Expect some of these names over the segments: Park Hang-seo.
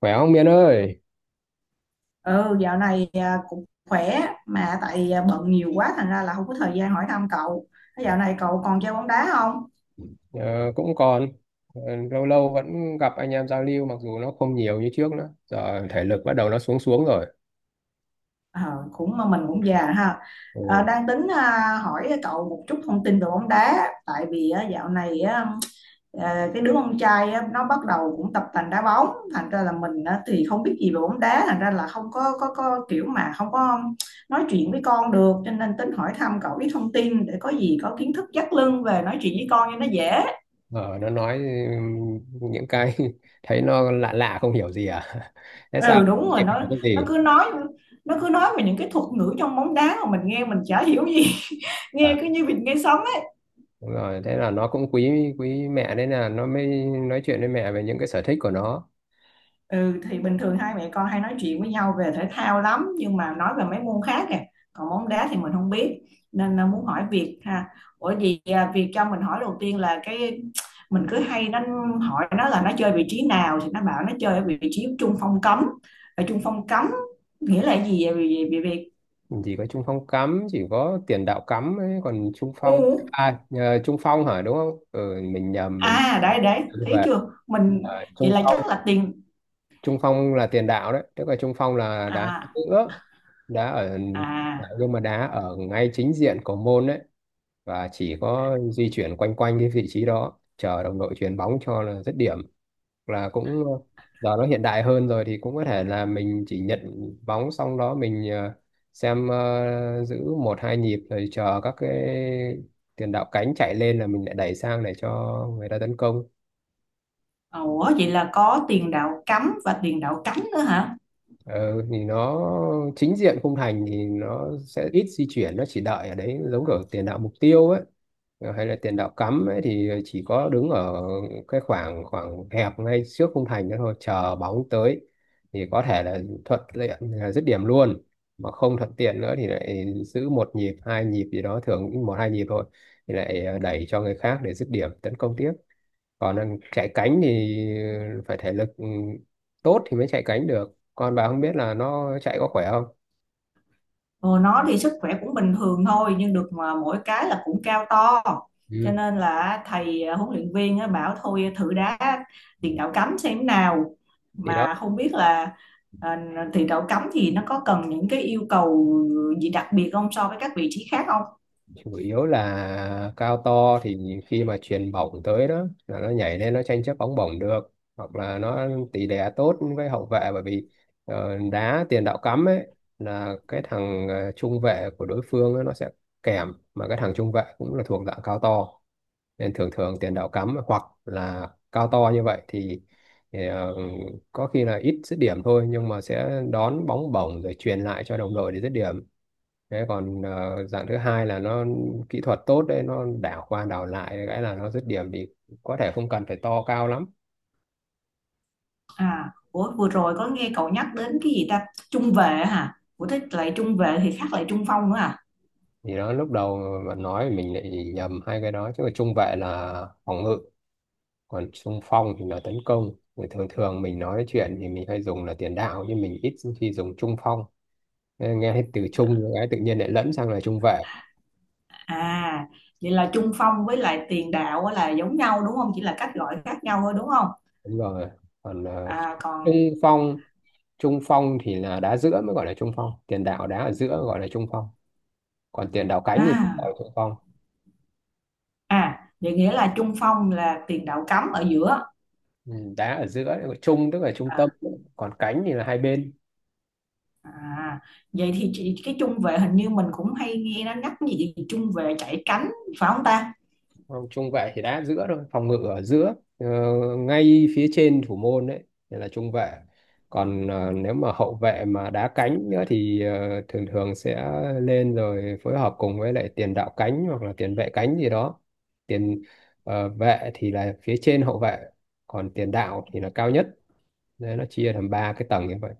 Khỏe không Miên ơi? Ừ, dạo này cũng khỏe mà bận nhiều quá thành ra là không có thời gian hỏi thăm cậu. Thế dạo À, này cậu còn chơi bóng đá không? ờ, cũng còn. Ờ, lâu lâu vẫn gặp anh em giao lưu mặc dù nó không nhiều như trước nữa. Giờ thể lực bắt đầu nó xuống xuống rồi. Ờ, cũng mà mình cũng già ha. Ờ, Ừ. đang tính hỏi cậu một chút thông tin về bóng đá tại vì dạo này á, cái đứa con trai á, nó bắt đầu cũng tập tành đá bóng thành ra là mình á, thì không biết gì về bóng đá thành ra là không có kiểu mà không có nói chuyện với con được, cho nên tính hỏi thăm cậu ít thông tin để có gì có kiến thức dắt lưng về nói chuyện với con cho nó dễ. Ờ, nó nói ừm, những cái thấy nó lạ lạ không hiểu gì à? Thế sao? Ừ, đúng rồi, Không nó hiểu cái nó gì? cứ nói, nó cứ nói về những cái thuật ngữ trong bóng đá mà mình nghe mình chả hiểu gì. À, Nghe cứ như vịt nghe sấm ấy. đúng rồi, thế là nó cũng quý quý mẹ nên là nó mới nói chuyện với mẹ về những cái sở thích của nó. Ừ, thì bình thường hai mẹ con hay nói chuyện với nhau về thể thao lắm, nhưng mà nói về mấy môn khác kìa, còn bóng đá thì mình không biết, nên là muốn hỏi Việt ha. Ủa Việt cho mình hỏi, đầu tiên là cái mình cứ hay hỏi nó là nó chơi vị trí nào, thì nó bảo nó chơi ở vị trí trung phong cấm. Ở trung phong cấm nghĩa là gì vậy Việt, Việt? Chỉ có trung phong cắm, chỉ có tiền đạo cắm ấy, còn trung phong Ừ. à, nhờ, trung phong hả, đúng không? Ừ, mình nhầm. Mình À, đấy đấy, đi thấy về. chưa. Mình Ờ, vậy trung là phong, chắc là tiền, trung phong là tiền đạo đấy, tức là trung phong là đá à giữa, đá ở, à. nhưng mà đá ở ngay chính diện của môn đấy, và chỉ có di chuyển quanh quanh cái vị trí đó chờ đồng đội chuyền bóng cho là dứt điểm, là cũng giờ nó hiện đại hơn rồi thì cũng có thể là mình chỉ nhận bóng xong đó mình xem, giữ một hai nhịp rồi chờ các cái tiền đạo cánh chạy lên là mình lại đẩy sang để cho người ta tấn công. Ủa vậy là có tiền đạo cắm và tiền đạo cánh nữa hả? Ờ, thì nó chính diện khung thành thì nó sẽ ít di chuyển, nó chỉ đợi ở đấy giống kiểu tiền đạo mục tiêu ấy. Ờ, hay là tiền đạo cắm ấy, thì chỉ có đứng ở cái khoảng khoảng hẹp ngay trước khung thành đó thôi, chờ bóng tới thì có thể là thuận tiện là dứt điểm luôn, mà không thuận tiện nữa thì lại giữ một nhịp hai nhịp gì đó, thường cũng một hai nhịp thôi, thì lại đẩy cho người khác để dứt điểm tấn công tiếp. Còn chạy cánh thì phải thể lực tốt thì mới chạy cánh được, còn bà không biết là nó chạy có khỏe không. Ồ, nó thì sức khỏe cũng bình thường thôi, nhưng được mà mỗi cái là cũng cao to, cho Ừ. nên là huấn luyện viên á, bảo thôi thử đá tiền đạo cắm xem thế nào. Thì đó, Mà không biết là à, tiền đạo cắm thì nó có cần những cái yêu cầu gì đặc biệt không so với các vị trí khác. chủ yếu là cao to thì khi mà chuyền bổng tới đó là nó nhảy lên nó tranh chấp bóng bổng được, hoặc là nó tỷ lệ tốt với hậu vệ, bởi vì đá tiền đạo cắm ấy là cái thằng trung vệ của đối phương ấy, nó sẽ kèm, mà cái thằng trung vệ cũng là thuộc dạng cao to, nên thường thường tiền đạo cắm hoặc là cao to như vậy thì, có khi là ít dứt điểm thôi, nhưng mà sẽ đón bóng bổng rồi truyền lại cho đồng đội để dứt điểm. Thế còn dạng thứ hai là nó kỹ thuật tốt đấy, nó đảo qua đảo lại cái là nó dứt điểm thì có thể không cần phải to cao lắm. À, ủa, vừa rồi có nghe cậu nhắc đến cái gì ta? Trung vệ hả? Ủa thế lại trung vệ thì khác lại trung phong nữa à? Thì nó lúc đầu bạn nói mình lại nhầm hai cái đó chứ, mà trung vệ là phòng ngự, còn trung phong thì là tấn công, thì thường thường mình nói chuyện thì mình hay dùng là tiền đạo, nhưng mình ít khi dùng trung phong, nên nghe hết từ trung cái tự nhiên lại lẫn sang là trung vệ. À, vậy là trung phong với lại tiền đạo á là giống nhau đúng không? Chỉ là cách gọi khác nhau thôi đúng không? Đúng rồi. Còn À trung còn, phong trung phong thì là đá giữa mới gọi là trung phong, tiền đạo đá ở giữa gọi là trung phong, còn tiền đạo cánh thì ở à thượng phong. à, vậy nghĩa là trung phong là tiền đạo cắm ở giữa. Ừ, đá ở giữa gọi là trung, tức là trung À, tâm, còn cánh thì là hai bên. à vậy thì chị, cái trung vệ hình như mình cũng hay nghe nó nhắc cái gì trung vệ chạy cánh, phải không ta? Không, trung vệ thì đá ở giữa thôi, phòng ngự ở giữa, ngay phía trên thủ môn đấy, thì là trung vệ. Còn nếu mà hậu vệ mà đá cánh nữa thì thường thường sẽ lên rồi phối hợp cùng với lại tiền đạo cánh hoặc là tiền vệ cánh gì đó. Tiền vệ thì là phía trên hậu vệ, còn tiền đạo thì là cao nhất. Đấy, nó chia thành ba cái tầng như vậy,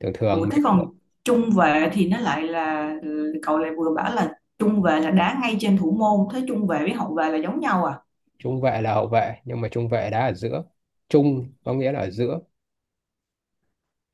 thường Ủa thường. thế còn trung vệ thì nó lại là, ừ, cậu lại vừa bảo là trung vệ là đá ngay trên thủ môn, thế trung vệ với hậu vệ là giống nhau à? Trung vệ là hậu vệ, nhưng mà trung vệ đá ở giữa, trung có nghĩa là ở giữa.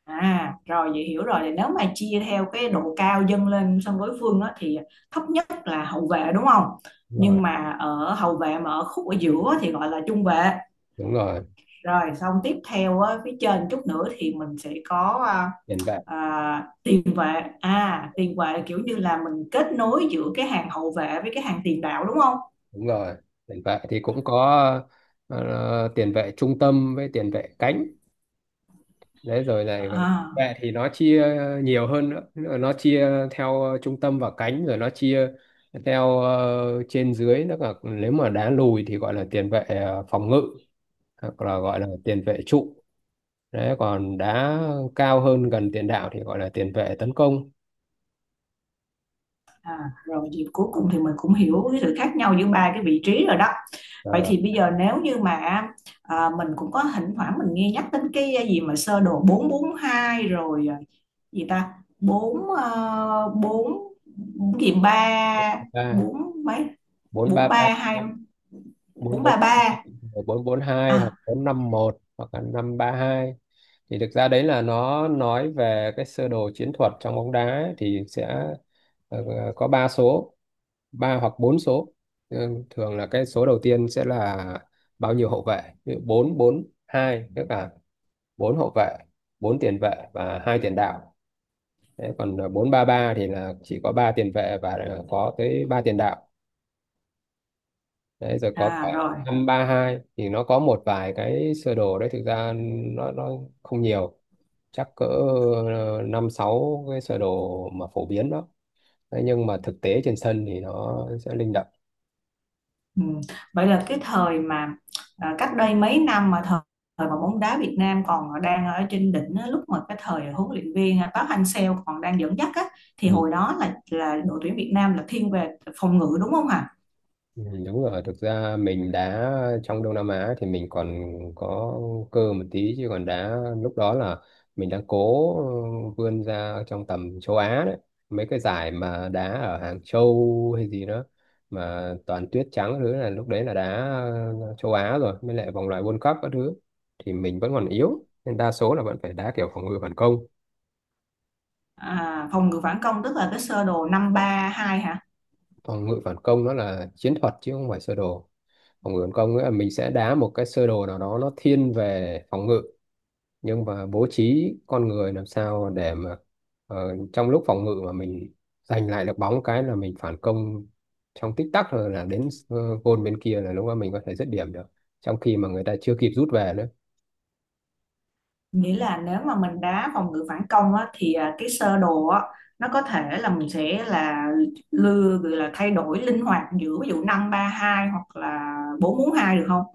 À rồi, vậy hiểu rồi, thì nếu mà chia theo cái độ cao dâng lên sân đối phương á, thì thấp nhất là hậu vệ đúng không. Đúng rồi. Nhưng mà ở hậu vệ mà ở khúc ở giữa thì gọi là trung vệ. Đúng rồi, Rồi xong tiếp theo á, phía trên chút nữa thì mình sẽ có tiền vệ. Tiền vệ. À, tiền vệ là kiểu như là mình kết nối giữa cái hàng hậu vệ với cái hàng tiền đạo đúng không. Đúng rồi, tiền vệ thì cũng có tiền vệ trung tâm với tiền vệ cánh. Đấy rồi này, À. vệ thì nó chia nhiều hơn nữa, nó chia theo trung tâm và cánh, rồi nó chia theo trên dưới, nó là nếu mà đá lùi thì gọi là tiền vệ phòng ngự, hoặc là gọi là tiền vệ trụ. Đấy, còn đá cao hơn gần tiền đạo thì gọi là tiền vệ tấn công. À, rồi thì cuối cùng thì mình cũng hiểu cái sự khác nhau giữa ba cái vị trí rồi đó. Ờ, Vậy thì bây giờ nếu như mà mình cũng có thỉnh thoảng mình nghe nhắc đến cái gì mà sơ đồ 442 rồi gì ta? Bốn bốn, bốn gì ba, Ba. bốn mấy? Bốn ba ba. Bốn bốn. 432, ba ba. 4-4-2 hoặc À, 4-5-1 hoặc là 5-3-2, thì thực ra đấy là nó nói về cái sơ đồ chiến thuật trong bóng đá ấy, thì sẽ ờ, có ba số, ba hoặc bốn số. Ừ, thường là cái số đầu tiên sẽ là bao nhiêu hậu vệ, ví dụ 4-4-2 tức là bốn hậu vệ, bốn tiền vệ và hai tiền đạo. Thế còn 4-3-3 thì là chỉ có ba tiền vệ và có tới ba tiền đạo. Đấy, rồi có cả à rồi. 5-3-2, thì nó có một vài cái sơ đồ đấy, thực ra nó không nhiều, chắc cỡ năm sáu cái sơ đồ mà phổ biến đó. Thế nhưng mà thực tế trên sân thì nó sẽ linh động. Ừ. Vậy là cái thời mà cách đây mấy năm mà thời, thời mà bóng đá Việt Nam còn đang ở trên đỉnh á, lúc mà cái thời huấn luyện viên Park Hang-seo còn đang dẫn dắt á, thì Ừ. hồi đó là đội tuyển Việt Nam là thiên về phòng ngự đúng không hả? Ừ, đúng rồi, thực ra mình đá trong Đông Nam Á thì mình còn có cơ một tí, chứ còn đá lúc đó là mình đang cố vươn ra trong tầm châu Á đấy, mấy cái giải mà đá ở Hàng Châu hay gì đó mà toàn tuyết trắng các thứ, là lúc đấy là đá châu Á, rồi mới lại vòng loại World Cup các thứ, thì mình vẫn còn yếu nên đa số là vẫn phải đá kiểu phòng ngự phản công. À, phòng ngự phản công tức là cái sơ đồ năm ba hai hả? Phòng ngự phản công nó là chiến thuật chứ không phải sơ đồ. Phòng ngự phản công nghĩa là mình sẽ đá một cái sơ đồ nào đó nó thiên về phòng ngự, nhưng mà bố trí con người làm sao để mà trong lúc phòng ngự mà mình giành lại được bóng cái là mình phản công trong tích tắc, rồi là đến gôn bên kia là lúc đó mình có thể dứt điểm được trong khi mà người ta chưa kịp rút về nữa. Nghĩa là nếu mà mình đá phòng ngự phản công á, thì cái sơ đồ á, nó có thể là mình sẽ là lưa gọi là thay đổi linh hoạt giữa ví dụ năm ba hai hoặc là bốn 4 hai được không?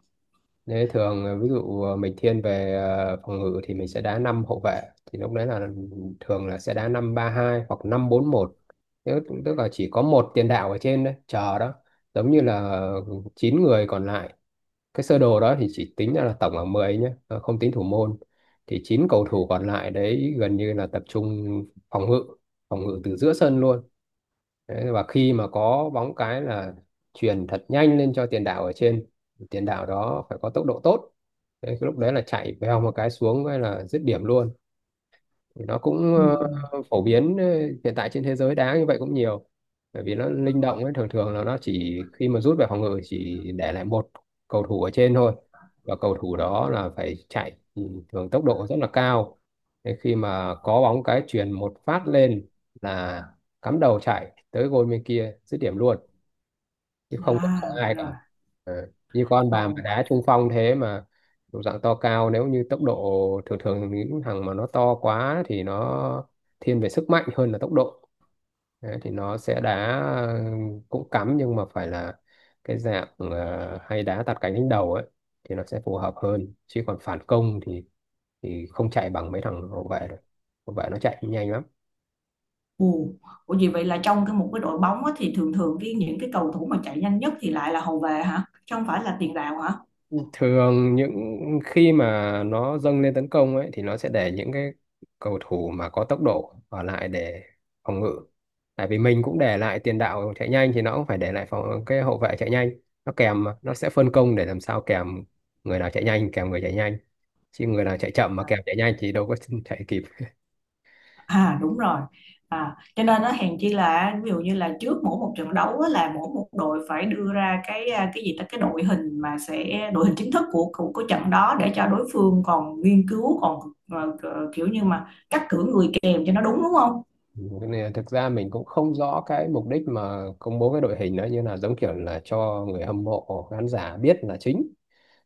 Thế thường ví dụ mình thiên về phòng ngự thì mình sẽ đá 5 hậu vệ, thì lúc đấy là thường là sẽ đá 5-3-2 hoặc 5-4-1, tức tức là chỉ có một tiền đạo ở trên đấy chờ đó, giống như là 9 người còn lại. Cái sơ đồ đó thì chỉ tính ra là tổng là 10 nhé, không tính thủ môn, thì chín cầu thủ còn lại đấy gần như là tập trung phòng ngự, phòng ngự từ giữa sân luôn. Đấy, và khi mà có bóng cái là chuyền thật nhanh lên cho tiền đạo ở trên, tiền đạo đó phải có tốc độ tốt. Đấy, cái lúc đấy là chạy vèo một cái xuống hay là dứt điểm luôn, thì nó cũng Ừ. Phổ biến, hiện tại trên thế giới đá như vậy cũng nhiều, bởi vì nó linh động ấy, thường thường là nó chỉ khi mà rút về phòng ngự chỉ để lại một cầu thủ ở trên thôi, và cầu thủ đó là phải chạy thường tốc độ rất là cao. Thế khi mà có bóng cái chuyền một phát lên là cắm đầu chạy tới gôn bên kia dứt điểm luôn, chứ không có sợ À ai rồi, cả. Ờ, như con bà mà ồ, đá trung phong thế mà độ dạng to cao, nếu như tốc độ, thường thường những thằng mà nó to quá thì nó thiên về sức mạnh hơn là tốc độ. Đấy, thì nó sẽ đá ờ, cũng cắm nhưng mà phải là cái dạng hay đá tạt cánh đánh đầu ấy, thì nó sẽ phù hợp hơn, chứ còn phản công thì không chạy bằng mấy thằng hậu vệ được, hậu vệ nó chạy nhanh lắm. ồ. Ủa vậy vậy là trong cái một cái đội bóng á, thì thường thường cái những cái cầu thủ mà chạy nhanh nhất thì lại là hậu vệ hả? Chứ không phải là tiền đạo hả? Thường những khi mà nó dâng lên tấn công ấy thì nó sẽ để những cái cầu thủ mà có tốc độ ở lại để phòng ngự, tại vì mình cũng để lại tiền đạo chạy nhanh thì nó cũng phải để lại phòng cái hậu vệ chạy nhanh, nó kèm mà, nó sẽ phân công để làm sao kèm, người nào chạy nhanh kèm người chạy nhanh, chứ người nào chạy chậm mà À, kèm chạy nhanh thì đâu có chạy kịp. à, đúng rồi. À, cho nên nó hèn chi là ví dụ như là trước mỗi một trận đấu á, là mỗi một đội phải đưa ra cái cái gì ta, cái đội hình mà sẽ đội hình chính thức của trận đó để cho đối phương còn nghiên cứu còn ờ, kiểu như mà cắt cử người kèm cho nó đúng, đúng không? Thế nên thực ra mình cũng không rõ cái mục đích mà công bố cái đội hình đó, như là giống kiểu là cho người hâm mộ khán giả biết là chính,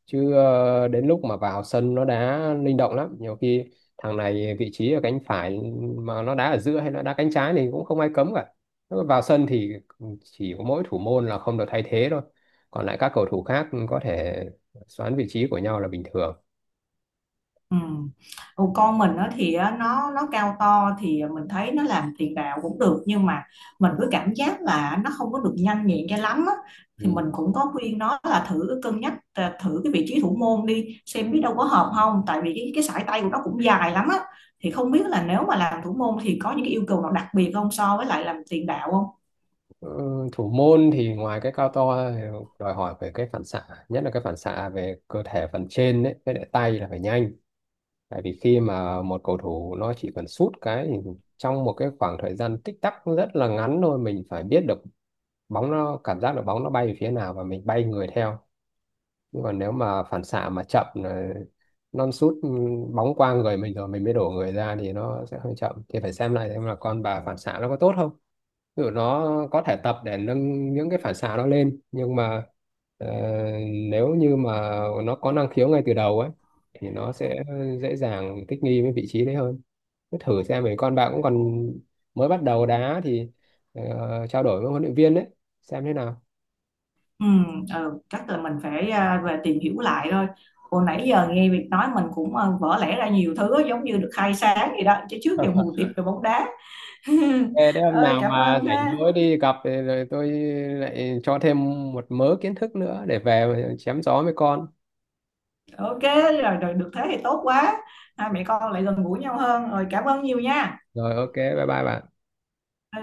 chứ đến lúc mà vào sân nó đá linh động lắm, nhiều khi thằng này vị trí ở cánh phải mà nó đá ở giữa hay nó đá cánh trái thì cũng không ai cấm cả. Nó vào sân thì chỉ có mỗi thủ môn là không được thay thế thôi, còn lại các cầu thủ khác có thể xoán vị trí của nhau là bình thường. Ừ. Còn con mình nó thì á, nó cao to thì mình thấy nó làm tiền đạo cũng được, nhưng mà mình cứ cảm giác là nó không có được nhanh nhẹn cho lắm á. Thì Ừ. mình cũng có khuyên nó là thử cân nhắc thử cái vị trí thủ môn đi xem biết đâu có hợp không, tại vì cái sải tay của nó cũng dài lắm á, thì không biết là nếu mà làm thủ môn thì có những cái yêu cầu nào đặc biệt không so với lại làm tiền đạo không. Ừ, thủ môn thì ngoài cái cao to thì đòi hỏi về cái phản xạ, nhất là cái phản xạ về cơ thể phần trên đấy với lại tay là phải nhanh. Tại vì khi mà một cầu thủ nó chỉ cần sút cái thì trong một cái khoảng thời gian tích tắc rất là ngắn thôi, mình phải biết được bóng, nó cảm giác được bóng nó bay về phía nào và mình bay người theo. Nhưng còn nếu mà phản xạ mà chậm là non sút, bóng qua người mình rồi mình mới đổ người ra thì nó sẽ hơi chậm. Thì phải xem lại xem là con bà phản xạ nó có tốt không. Ví dụ nó có thể tập để nâng những cái phản xạ nó lên, nhưng mà ờ, nếu như mà nó có năng khiếu ngay từ đầu ấy thì nó sẽ dễ dàng thích nghi với vị trí đấy hơn. Cứ thử xem, mấy con bạn cũng còn mới bắt đầu đá thì trao đổi với huấn luyện viên đấy xem thế nào. Ừ, ừ, chắc là mình phải về tìm hiểu lại thôi. Hồi nãy giờ nghe Việt nói mình cũng vỡ lẽ ra nhiều thứ, giống như được khai sáng gì đó, chứ trước Ờ. giờ mù tịt về bóng đá. Thế đấy, hôm Ơi nào cảm mà ơn rảnh ha. rỗi đi gặp thì rồi tôi lại cho thêm một mớ kiến thức nữa để về chém gió với con. Ok rồi, rồi được thế thì tốt quá. Hai mẹ con lại gần gũi nhau hơn. Rồi cảm ơn nhiều nha. Rồi, OK, bye bye bạn. Ừ.